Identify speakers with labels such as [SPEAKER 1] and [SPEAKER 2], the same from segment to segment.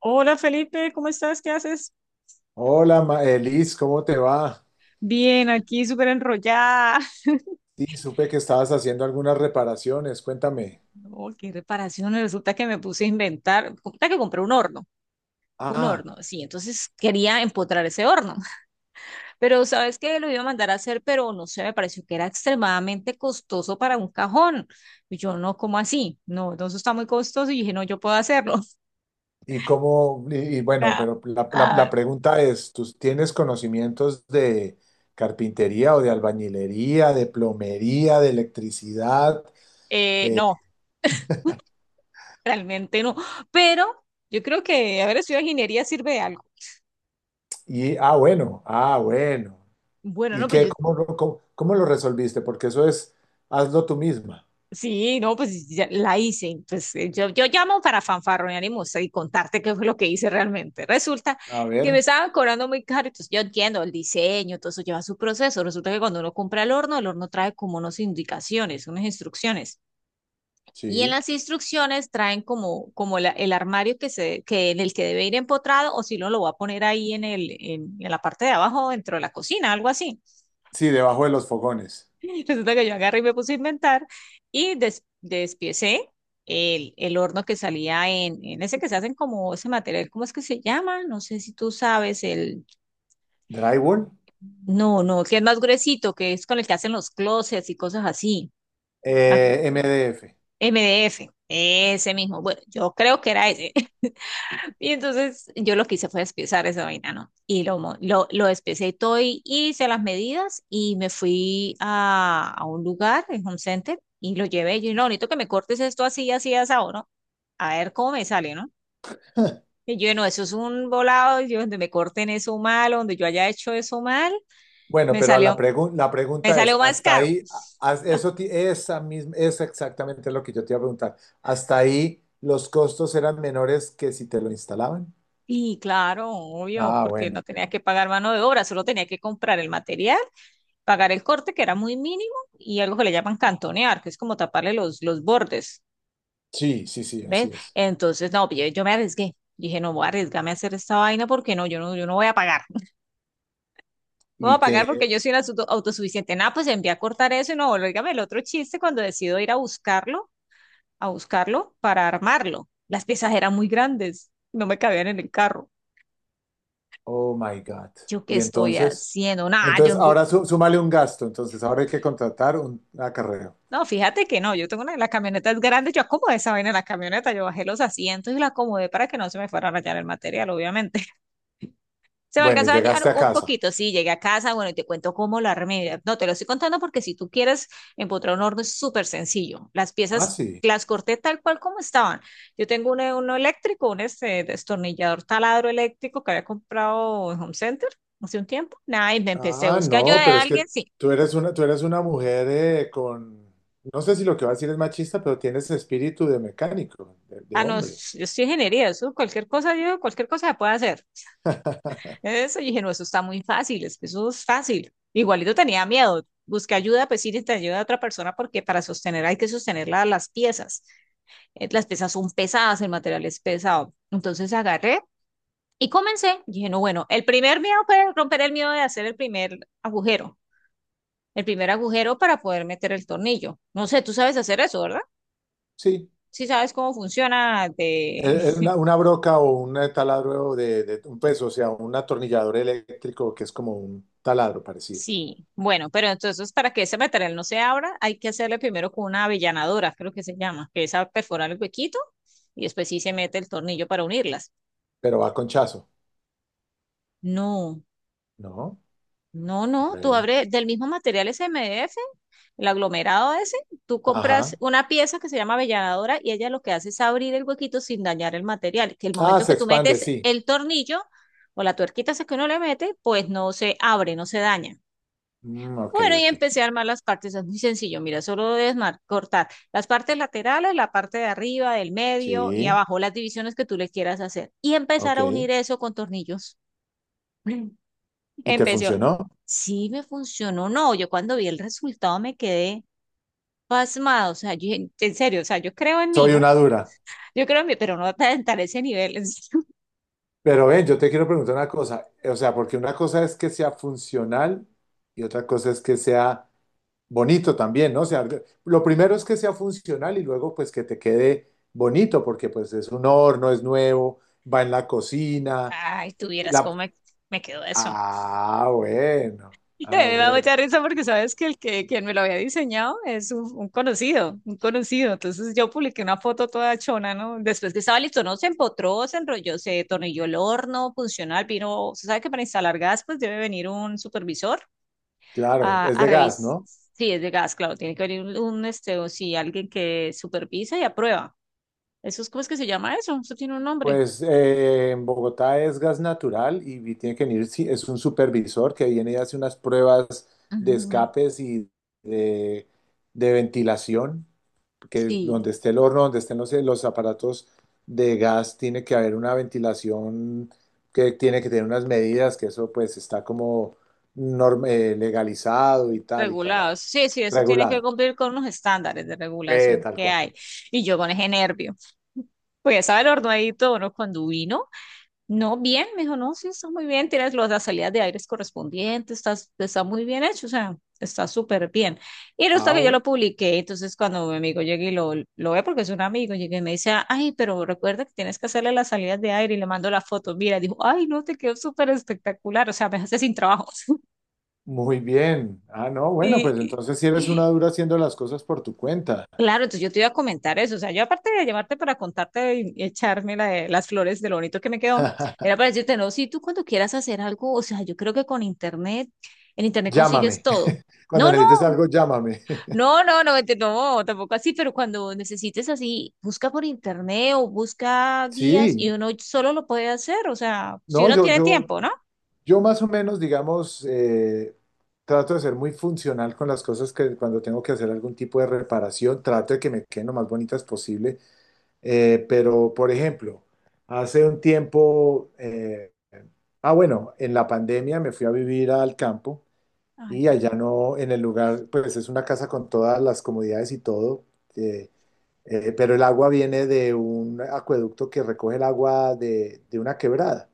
[SPEAKER 1] Hola Felipe, ¿cómo estás? ¿Qué haces?
[SPEAKER 2] Hola, Liz, ¿cómo te va?
[SPEAKER 1] Bien, aquí súper enrollada.
[SPEAKER 2] Sí, supe que estabas haciendo algunas reparaciones, cuéntame.
[SPEAKER 1] No, qué reparaciones. Resulta que me puse a inventar. Resulta que compré un horno. Un
[SPEAKER 2] Ah,
[SPEAKER 1] horno, sí. Entonces quería empotrar ese horno. Pero sabes que lo iba a mandar a hacer, pero no sé, me pareció que era extremadamente costoso para un cajón. Y yo no, ¿cómo así? No, entonces está muy costoso. Y dije, no, yo puedo hacerlo.
[SPEAKER 2] y cómo, y bueno,
[SPEAKER 1] Ah,
[SPEAKER 2] pero
[SPEAKER 1] ah,
[SPEAKER 2] la pregunta es, ¿tú tienes conocimientos de carpintería o de albañilería, de plomería, de electricidad? Eh,
[SPEAKER 1] no, realmente no. Pero yo creo que haber estudiado ingeniería sirve de algo.
[SPEAKER 2] bueno, bueno.
[SPEAKER 1] Bueno,
[SPEAKER 2] ¿Y
[SPEAKER 1] no, pero
[SPEAKER 2] qué,
[SPEAKER 1] yo.
[SPEAKER 2] cómo, lo- cómo, cómo lo resolviste? Porque eso es, hazlo tú misma.
[SPEAKER 1] Sí, no, pues ya la hice. Pues yo llamo para fanfarronear y mostrar y contarte qué fue lo que hice realmente. Resulta
[SPEAKER 2] A
[SPEAKER 1] que me
[SPEAKER 2] ver,
[SPEAKER 1] estaban cobrando muy caro. Entonces yo entiendo el diseño, todo eso lleva su proceso. Resulta que cuando uno compra el horno trae como unas indicaciones, unas instrucciones. Y en
[SPEAKER 2] sí.
[SPEAKER 1] las instrucciones traen como, como el armario que se, que en el que debe ir empotrado o si no lo va a poner ahí en el, en la parte de abajo dentro de la cocina, algo así.
[SPEAKER 2] Sí, debajo de los fogones.
[SPEAKER 1] Resulta que yo agarré y me puse a inventar y despiecé el horno que salía en ese que se hacen como ese material, ¿cómo es que se llama? No sé si tú sabes,
[SPEAKER 2] Drywall,
[SPEAKER 1] no, no, que es más gruesito, que es con el que hacen los closets y cosas así. Ah,
[SPEAKER 2] MDF.
[SPEAKER 1] MDF, ese mismo. Bueno, yo creo que era ese. Y entonces yo lo que hice fue despiezar esa vaina, ¿no? Y lo despiecé y todo y hice las medidas y me fui a un lugar, en Home Center, y lo llevé. Y yo, no, bonito que me cortes esto así, así, asado, ¿no? A ver cómo me sale, ¿no? Y yo, no, eso es un volado, y yo, donde me corten eso mal, donde yo haya hecho eso mal.
[SPEAKER 2] Bueno,
[SPEAKER 1] me
[SPEAKER 2] pero
[SPEAKER 1] salió,
[SPEAKER 2] la
[SPEAKER 1] Me
[SPEAKER 2] pregunta es,
[SPEAKER 1] salió más
[SPEAKER 2] hasta
[SPEAKER 1] caro.
[SPEAKER 2] ahí, esa misma, es exactamente lo que yo te iba a preguntar. ¿Hasta ahí los costos eran menores que si te lo instalaban?
[SPEAKER 1] Y claro, obvio,
[SPEAKER 2] Ah,
[SPEAKER 1] porque
[SPEAKER 2] bueno.
[SPEAKER 1] no tenía que pagar mano de obra, solo tenía que comprar el material, pagar el corte, que era muy mínimo, y algo que le llaman cantonear, que es como taparle los bordes,
[SPEAKER 2] Sí, sí, sí,
[SPEAKER 1] ¿ves?
[SPEAKER 2] así es.
[SPEAKER 1] Entonces, no, yo me arriesgué. Dije, no voy a arriesgarme a hacer esta vaina porque no, yo no voy a pagar. No voy a
[SPEAKER 2] Y que,
[SPEAKER 1] pagar porque yo soy una autosuficiente. Nada, pues envié a cortar eso y no, dígame el otro chiste cuando decido ir a buscarlo para armarlo. Las piezas eran muy grandes, no me cabían en el carro.
[SPEAKER 2] oh my God.
[SPEAKER 1] Yo qué
[SPEAKER 2] Y
[SPEAKER 1] estoy
[SPEAKER 2] entonces,
[SPEAKER 1] haciendo, nada,
[SPEAKER 2] entonces
[SPEAKER 1] yo
[SPEAKER 2] ahora súmale un gasto, entonces ahora hay que contratar un acarreo.
[SPEAKER 1] No, fíjate que no, yo tengo una de las camionetas grandes, yo acomodé esa vaina en la camioneta, yo bajé los asientos y la acomodé para que no se me fuera a rayar el material, obviamente. Se me
[SPEAKER 2] Bueno, y
[SPEAKER 1] alcanzó a dañar
[SPEAKER 2] llegaste a
[SPEAKER 1] un
[SPEAKER 2] casa.
[SPEAKER 1] poquito, sí, llegué a casa, bueno, y te cuento cómo lo armé. No, te lo estoy contando porque si tú quieres empotrar un horno es súper sencillo. Las
[SPEAKER 2] Ah,
[SPEAKER 1] piezas
[SPEAKER 2] sí.
[SPEAKER 1] las corté tal cual como estaban. Yo tengo uno, uno eléctrico, un este destornillador taladro eléctrico que había comprado en Home Center hace un tiempo. Nada, y me empecé a
[SPEAKER 2] Ah,
[SPEAKER 1] buscar ayuda
[SPEAKER 2] no,
[SPEAKER 1] de
[SPEAKER 2] pero es que
[SPEAKER 1] alguien, sí.
[SPEAKER 2] tú eres una mujer con, no sé si lo que va a decir es machista, pero tienes espíritu de mecánico, de
[SPEAKER 1] Ah, no,
[SPEAKER 2] hombre.
[SPEAKER 1] yo soy ingeniería, eso, cualquier cosa, yo, cualquier cosa se puede hacer. Eso, y dije, no, eso está muy fácil, es que eso es fácil. Igualito tenía miedo. Busqué ayuda, pues sí, te ayuda a otra persona porque para sostener hay que sostener las piezas. Las piezas son pesadas, el material es pesado. Entonces agarré y comencé. Dije, no, bueno, el primer miedo fue romper el miedo de hacer el primer agujero para poder meter el tornillo. No sé, tú sabes hacer eso, ¿verdad?
[SPEAKER 2] Sí,
[SPEAKER 1] Sí sabes cómo funciona de.
[SPEAKER 2] una broca o un taladro de un peso, o sea, un atornillador eléctrico que es como un taladro parecido,
[SPEAKER 1] Sí, bueno, pero entonces para que ese material no se abra, hay que hacerle primero con una avellanadora, creo que se llama, que es a perforar el huequito y después sí se mete el tornillo para unirlas.
[SPEAKER 2] pero va con chazo,
[SPEAKER 1] No,
[SPEAKER 2] ¿no?
[SPEAKER 1] no, no, tú
[SPEAKER 2] Bueno,
[SPEAKER 1] abres del mismo material SMF, el aglomerado ese, tú compras
[SPEAKER 2] ajá.
[SPEAKER 1] una pieza que se llama avellanadora y ella lo que hace es abrir el huequito sin dañar el material, que el
[SPEAKER 2] Ah,
[SPEAKER 1] momento
[SPEAKER 2] se
[SPEAKER 1] que tú
[SPEAKER 2] expande,
[SPEAKER 1] metes
[SPEAKER 2] sí.
[SPEAKER 1] el tornillo o la tuerquita esa que uno le mete, pues no se abre, no se daña.
[SPEAKER 2] Mm, ok,
[SPEAKER 1] Bueno, y
[SPEAKER 2] ok.
[SPEAKER 1] empecé a armar las partes, es muy sencillo, mira, solo debes cortar las partes laterales, la parte de arriba, del medio y
[SPEAKER 2] Sí,
[SPEAKER 1] abajo, las divisiones que tú le quieras hacer y empezar a
[SPEAKER 2] ok.
[SPEAKER 1] unir eso con tornillos.
[SPEAKER 2] ¿Y te
[SPEAKER 1] Empecé,
[SPEAKER 2] funcionó?
[SPEAKER 1] sí me funcionó, no, yo cuando vi el resultado me quedé pasmado, o sea, yo, en serio, o sea, yo creo en mí,
[SPEAKER 2] Soy
[SPEAKER 1] ¿no?
[SPEAKER 2] una dura.
[SPEAKER 1] Yo creo, pero no tan, tan ese nivel. En serio.
[SPEAKER 2] Pero ven, yo te quiero preguntar una cosa, o sea, porque una cosa es que sea funcional y otra cosa es que sea bonito también, ¿no? O sea, lo primero es que sea funcional y luego pues que te quede bonito, porque pues es un horno, es nuevo, va en la cocina.
[SPEAKER 1] Ay, tuvieras cómo
[SPEAKER 2] la...
[SPEAKER 1] me, me quedó eso.
[SPEAKER 2] Ah, bueno,
[SPEAKER 1] No, me da
[SPEAKER 2] bueno,
[SPEAKER 1] mucha risa porque sabes que el que quien me lo había diseñado es un conocido, un conocido. Entonces yo publiqué una foto toda chona, ¿no? Después que estaba listo, no se empotró, se enrolló, se tornilló el horno funcional, vino, se sabe que para instalar gas, pues debe venir un supervisor.
[SPEAKER 2] claro,
[SPEAKER 1] A,
[SPEAKER 2] es
[SPEAKER 1] a
[SPEAKER 2] de gas,
[SPEAKER 1] revisar.
[SPEAKER 2] ¿no?
[SPEAKER 1] Sí, es de gas, claro, tiene que haber un, este, o sí, alguien que supervisa y aprueba. Eso es, ¿cómo es que se llama eso? Eso tiene un nombre.
[SPEAKER 2] Pues en Bogotá es gas natural y tiene que venir, sí, es un supervisor que viene y hace unas pruebas de
[SPEAKER 1] Ujú,
[SPEAKER 2] escapes y de, de ventilación, que
[SPEAKER 1] sí.
[SPEAKER 2] donde esté el horno, donde estén los aparatos de gas, tiene que haber una ventilación que tiene que tener unas medidas, que eso pues está como legalizado y tal y toda la
[SPEAKER 1] Regulados. Sí, sí, eso tiene que
[SPEAKER 2] regulado.
[SPEAKER 1] cumplir con unos estándares de regulación
[SPEAKER 2] Tal
[SPEAKER 1] que
[SPEAKER 2] cual.
[SPEAKER 1] hay. Y yo con ese nervio. Pues ya estaba el horno ahí todo, ¿no? Cuando vino. No, bien, me dijo, no, sí, está muy bien, tienes las salidas de aires correspondientes, estás, está muy bien hecho, o sea, está súper bien. Y resulta
[SPEAKER 2] Ah,
[SPEAKER 1] que yo lo
[SPEAKER 2] bueno.
[SPEAKER 1] publiqué, entonces cuando mi amigo llegue y lo ve, porque es un amigo, llegue y me dice, ay, pero recuerda que tienes que hacerle las salidas de aire y le mando la foto, mira, dijo, ay, no, te quedó súper espectacular, o sea, me hace sin trabajo.
[SPEAKER 2] Muy bien. Ah, no, bueno, pues
[SPEAKER 1] Y,
[SPEAKER 2] entonces si eres una dura haciendo las cosas por tu cuenta.
[SPEAKER 1] Claro, entonces yo te iba a comentar eso. O sea, yo aparte de llamarte para contarte y echarme las flores de lo bonito que me quedó, era para decirte, no, si tú cuando quieras hacer algo, o sea, yo creo que con internet, en internet consigues
[SPEAKER 2] Llámame.
[SPEAKER 1] todo.
[SPEAKER 2] Cuando
[SPEAKER 1] No, no,
[SPEAKER 2] necesites algo, llámame.
[SPEAKER 1] no, no, no, vete, no, tampoco así, pero cuando necesites así, busca por internet o busca guías y
[SPEAKER 2] Sí,
[SPEAKER 1] uno solo lo puede hacer, o sea, si
[SPEAKER 2] no,
[SPEAKER 1] uno
[SPEAKER 2] yo,
[SPEAKER 1] tiene
[SPEAKER 2] yo,
[SPEAKER 1] tiempo, ¿no?
[SPEAKER 2] yo más o menos, digamos, trato de ser muy funcional con las cosas que cuando tengo que hacer algún tipo de reparación, trato de que me queden lo más bonitas posible. Pero, por ejemplo, hace un tiempo, bueno, en la pandemia me fui a vivir al campo.
[SPEAKER 1] Ay,
[SPEAKER 2] Y
[SPEAKER 1] qué
[SPEAKER 2] allá
[SPEAKER 1] rico.
[SPEAKER 2] no, en el lugar, pues es una casa con todas las comodidades y todo, eh, pero el agua viene de un acueducto que recoge el agua de una quebrada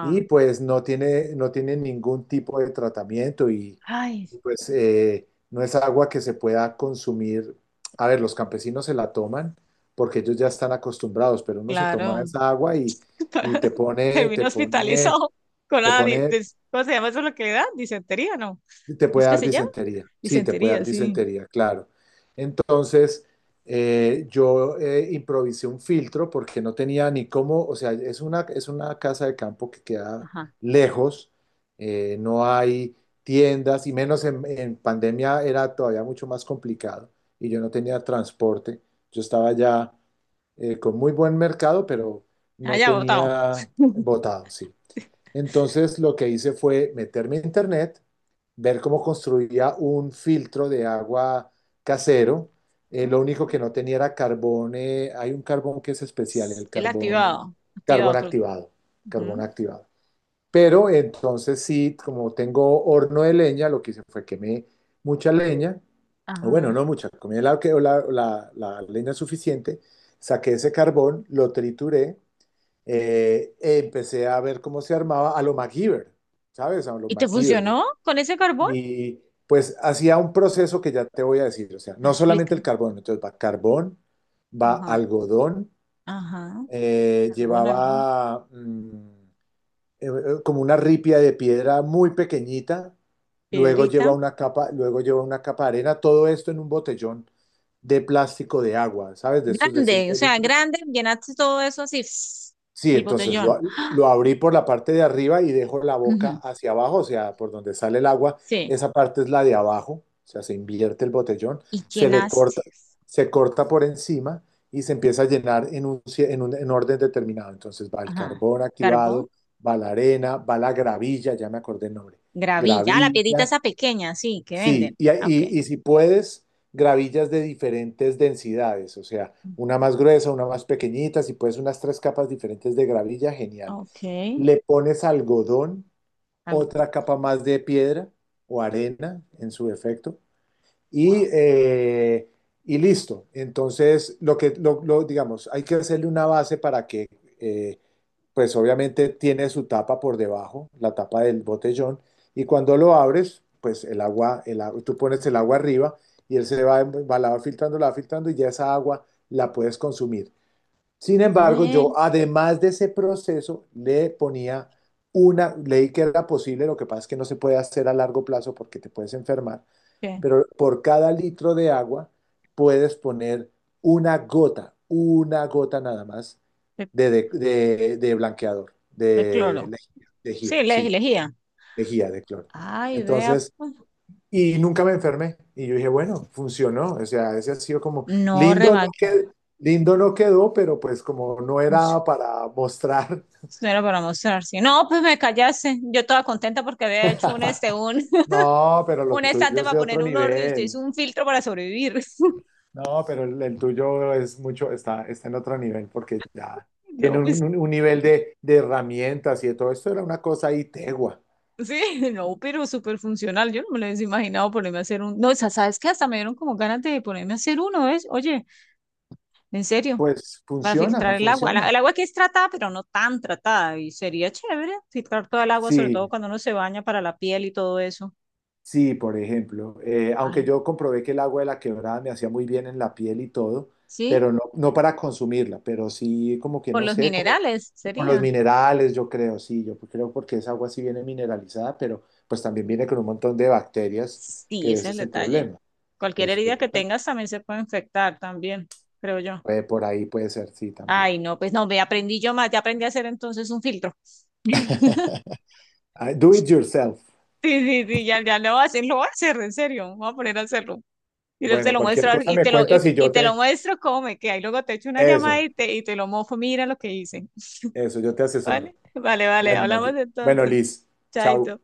[SPEAKER 2] y pues no tiene ningún tipo de tratamiento y,
[SPEAKER 1] Ay,
[SPEAKER 2] pues no es agua que se pueda consumir. A ver, los campesinos se la toman porque ellos ya están acostumbrados, pero uno se toma
[SPEAKER 1] claro.
[SPEAKER 2] esa agua y, te pone,
[SPEAKER 1] Terminó hospitalizado con
[SPEAKER 2] te pone,
[SPEAKER 1] ¿cómo se llama eso lo que le da? Disentería, ¿no?
[SPEAKER 2] te
[SPEAKER 1] ¿Cómo
[SPEAKER 2] puede
[SPEAKER 1] es que
[SPEAKER 2] dar
[SPEAKER 1] se llama?
[SPEAKER 2] disentería, sí, te puede dar
[SPEAKER 1] Disentería, sí.
[SPEAKER 2] disentería, claro. Entonces, yo improvisé un filtro porque no tenía ni cómo, o sea, es una casa de campo que queda
[SPEAKER 1] Ajá.
[SPEAKER 2] lejos, no hay tiendas y menos en, pandemia era todavía mucho más complicado y yo no tenía transporte. Yo estaba ya con muy buen mercado, pero no
[SPEAKER 1] Allá botado.
[SPEAKER 2] tenía votado, sí. Entonces lo que hice fue meterme a internet, ver cómo construía un filtro de agua casero. Lo único
[SPEAKER 1] Ay.
[SPEAKER 2] que no tenía era carbón. Hay un carbón que es especial,
[SPEAKER 1] Es
[SPEAKER 2] el
[SPEAKER 1] el
[SPEAKER 2] carbón,
[SPEAKER 1] activado,
[SPEAKER 2] carbón
[SPEAKER 1] activado, creo.
[SPEAKER 2] activado, carbón
[SPEAKER 1] Ujú.
[SPEAKER 2] activado. Pero entonces sí, como tengo horno de leña, lo que hice fue quemé mucha leña. O bueno,
[SPEAKER 1] Ajá.
[SPEAKER 2] no mucha, comí la leña suficiente, saqué ese carbón, lo trituré, empecé a ver cómo se armaba a lo MacGyver, ¿sabes? A lo
[SPEAKER 1] ¿Y te
[SPEAKER 2] MacGyver.
[SPEAKER 1] funcionó con ese carbón?
[SPEAKER 2] Y pues hacía un proceso que ya te voy a decir, o sea,
[SPEAKER 1] Ah,
[SPEAKER 2] no
[SPEAKER 1] explica.
[SPEAKER 2] solamente el carbón, entonces va carbón, va
[SPEAKER 1] Ajá,
[SPEAKER 2] algodón,
[SPEAKER 1] ajá.
[SPEAKER 2] eh,
[SPEAKER 1] Carbón, algún,
[SPEAKER 2] llevaba mm, como una ripia de piedra muy pequeñita, luego lleva
[SPEAKER 1] piedrita.
[SPEAKER 2] una capa, luego lleva una capa de arena, todo esto en un botellón de plástico de agua, ¿sabes? De estos de
[SPEAKER 1] Grande, o
[SPEAKER 2] 5
[SPEAKER 1] sea,
[SPEAKER 2] litros.
[SPEAKER 1] grande, llenaste todo eso así, pss,
[SPEAKER 2] Sí,
[SPEAKER 1] el
[SPEAKER 2] entonces lo,
[SPEAKER 1] botellón. Ah,
[SPEAKER 2] lo abrí por la parte de arriba y dejo la boca
[SPEAKER 1] ujú,
[SPEAKER 2] hacia abajo, o sea, por donde sale el agua,
[SPEAKER 1] sí,
[SPEAKER 2] esa parte es la de abajo, o sea, se invierte el botellón,
[SPEAKER 1] y
[SPEAKER 2] se le
[SPEAKER 1] llenaste.
[SPEAKER 2] corta, se corta por encima y se empieza a llenar en un, cie- en un en orden determinado. Entonces va el
[SPEAKER 1] Ajá.
[SPEAKER 2] carbón
[SPEAKER 1] Carbón.
[SPEAKER 2] activado, va la arena, va la gravilla, ya me acordé el nombre,
[SPEAKER 1] Gravilla. Ah, la piedrita
[SPEAKER 2] gravilla.
[SPEAKER 1] esa pequeña, sí, que
[SPEAKER 2] Sí,
[SPEAKER 1] venden.
[SPEAKER 2] y,
[SPEAKER 1] Ah, ok.
[SPEAKER 2] y si puedes, gravillas de diferentes densidades, o sea, una más gruesa, una más pequeñita, si puedes unas tres capas diferentes de gravilla, genial.
[SPEAKER 1] Ok,
[SPEAKER 2] Le pones algodón,
[SPEAKER 1] algo
[SPEAKER 2] otra capa más de piedra o arena en su efecto,
[SPEAKER 1] wow,
[SPEAKER 2] y, eh, y listo. Entonces, lo que, lo- digamos, hay que hacerle una base para que eh, pues obviamente tiene su tapa por debajo, la tapa del botellón, y cuando lo abres, pues tú pones el agua arriba y él la va filtrando y ya esa agua la puedes consumir. Sin embargo, yo
[SPEAKER 1] de,
[SPEAKER 2] además de ese proceso le ponía leí que era posible, lo que pasa es que no se puede hacer a largo plazo porque te puedes enfermar,
[SPEAKER 1] ¿qué?
[SPEAKER 2] pero por cada litro de agua puedes poner una gota nada más
[SPEAKER 1] De,
[SPEAKER 2] de blanqueador,
[SPEAKER 1] de
[SPEAKER 2] de
[SPEAKER 1] cloro.
[SPEAKER 2] lejía, lejía,
[SPEAKER 1] Sí, le
[SPEAKER 2] sí,
[SPEAKER 1] lejía.
[SPEAKER 2] lejía de cloro.
[SPEAKER 1] Ay, vea,
[SPEAKER 2] Entonces,
[SPEAKER 1] pues,
[SPEAKER 2] y nunca me enfermé. Y yo dije, bueno, funcionó. O sea, ese ha sido como
[SPEAKER 1] no
[SPEAKER 2] lindo, no
[SPEAKER 1] remaqui.
[SPEAKER 2] quedó, lindo no quedó, pero pues como no
[SPEAKER 1] Pues,
[SPEAKER 2] era para mostrar.
[SPEAKER 1] eso no era para mostrar. Sí. No, pues me callase. Yo estaba contenta porque había hecho un, este, un,
[SPEAKER 2] No, pero lo
[SPEAKER 1] un
[SPEAKER 2] tuyo
[SPEAKER 1] estante
[SPEAKER 2] es
[SPEAKER 1] para
[SPEAKER 2] de otro
[SPEAKER 1] poner un orden y usted hizo
[SPEAKER 2] nivel.
[SPEAKER 1] un filtro para sobrevivir.
[SPEAKER 2] No, pero el tuyo es mucho, está en otro nivel porque ya tiene
[SPEAKER 1] No,
[SPEAKER 2] un,
[SPEAKER 1] pues
[SPEAKER 2] un nivel de herramientas y de todo esto. Era una cosa ahí tegua.
[SPEAKER 1] sí, no, pero súper funcional. Yo no me lo hubiese imaginado ponerme a hacer un. No, o sea, sabes que hasta me dieron como ganas de ponerme a hacer uno, ¿ves? Oye, en serio,
[SPEAKER 2] Pues
[SPEAKER 1] para
[SPEAKER 2] funciona,
[SPEAKER 1] filtrar el agua.
[SPEAKER 2] funciona.
[SPEAKER 1] El agua que es tratada, pero no tan tratada. Y sería chévere filtrar toda el agua, sobre todo
[SPEAKER 2] Sí,
[SPEAKER 1] cuando uno se baña para la piel y todo eso.
[SPEAKER 2] sí, por ejemplo. Aunque
[SPEAKER 1] Ay,
[SPEAKER 2] yo comprobé que el agua de la quebrada me hacía muy bien en la piel y todo,
[SPEAKER 1] ¿sí?
[SPEAKER 2] pero no, no para consumirla, pero sí como que
[SPEAKER 1] Por
[SPEAKER 2] no
[SPEAKER 1] los
[SPEAKER 2] sé, como
[SPEAKER 1] minerales
[SPEAKER 2] con los
[SPEAKER 1] sería.
[SPEAKER 2] minerales, yo creo, sí, yo creo porque esa agua sí viene mineralizada, pero pues también viene con un montón de bacterias,
[SPEAKER 1] Sí,
[SPEAKER 2] que
[SPEAKER 1] ese
[SPEAKER 2] ese
[SPEAKER 1] es el
[SPEAKER 2] es el
[SPEAKER 1] detalle.
[SPEAKER 2] problema.
[SPEAKER 1] Cualquier
[SPEAKER 2] Es-
[SPEAKER 1] herida que tengas también se puede infectar también, creo yo.
[SPEAKER 2] Por ahí puede ser, sí, también.
[SPEAKER 1] Ay, no, pues no, me aprendí yo más, ya aprendí a hacer entonces un filtro.
[SPEAKER 2] Ah, do it yourself.
[SPEAKER 1] Sí, sí, sí, ya, ya lo voy a hacer, lo voy a hacer, en serio, voy a poner a hacerlo. Y te
[SPEAKER 2] Bueno,
[SPEAKER 1] lo
[SPEAKER 2] cualquier
[SPEAKER 1] muestro,
[SPEAKER 2] cosa me cuentas.
[SPEAKER 1] y te lo muestro cómo me queda. Y luego te echo una llamada
[SPEAKER 2] Eso,
[SPEAKER 1] y te lo mofo, mira lo que hice.
[SPEAKER 2] eso, yo te asesoro.
[SPEAKER 1] Vale, vale, vale,
[SPEAKER 2] Bueno,
[SPEAKER 1] hablamos
[SPEAKER 2] Bueno,
[SPEAKER 1] entonces.
[SPEAKER 2] Liz, chao.
[SPEAKER 1] Chaito.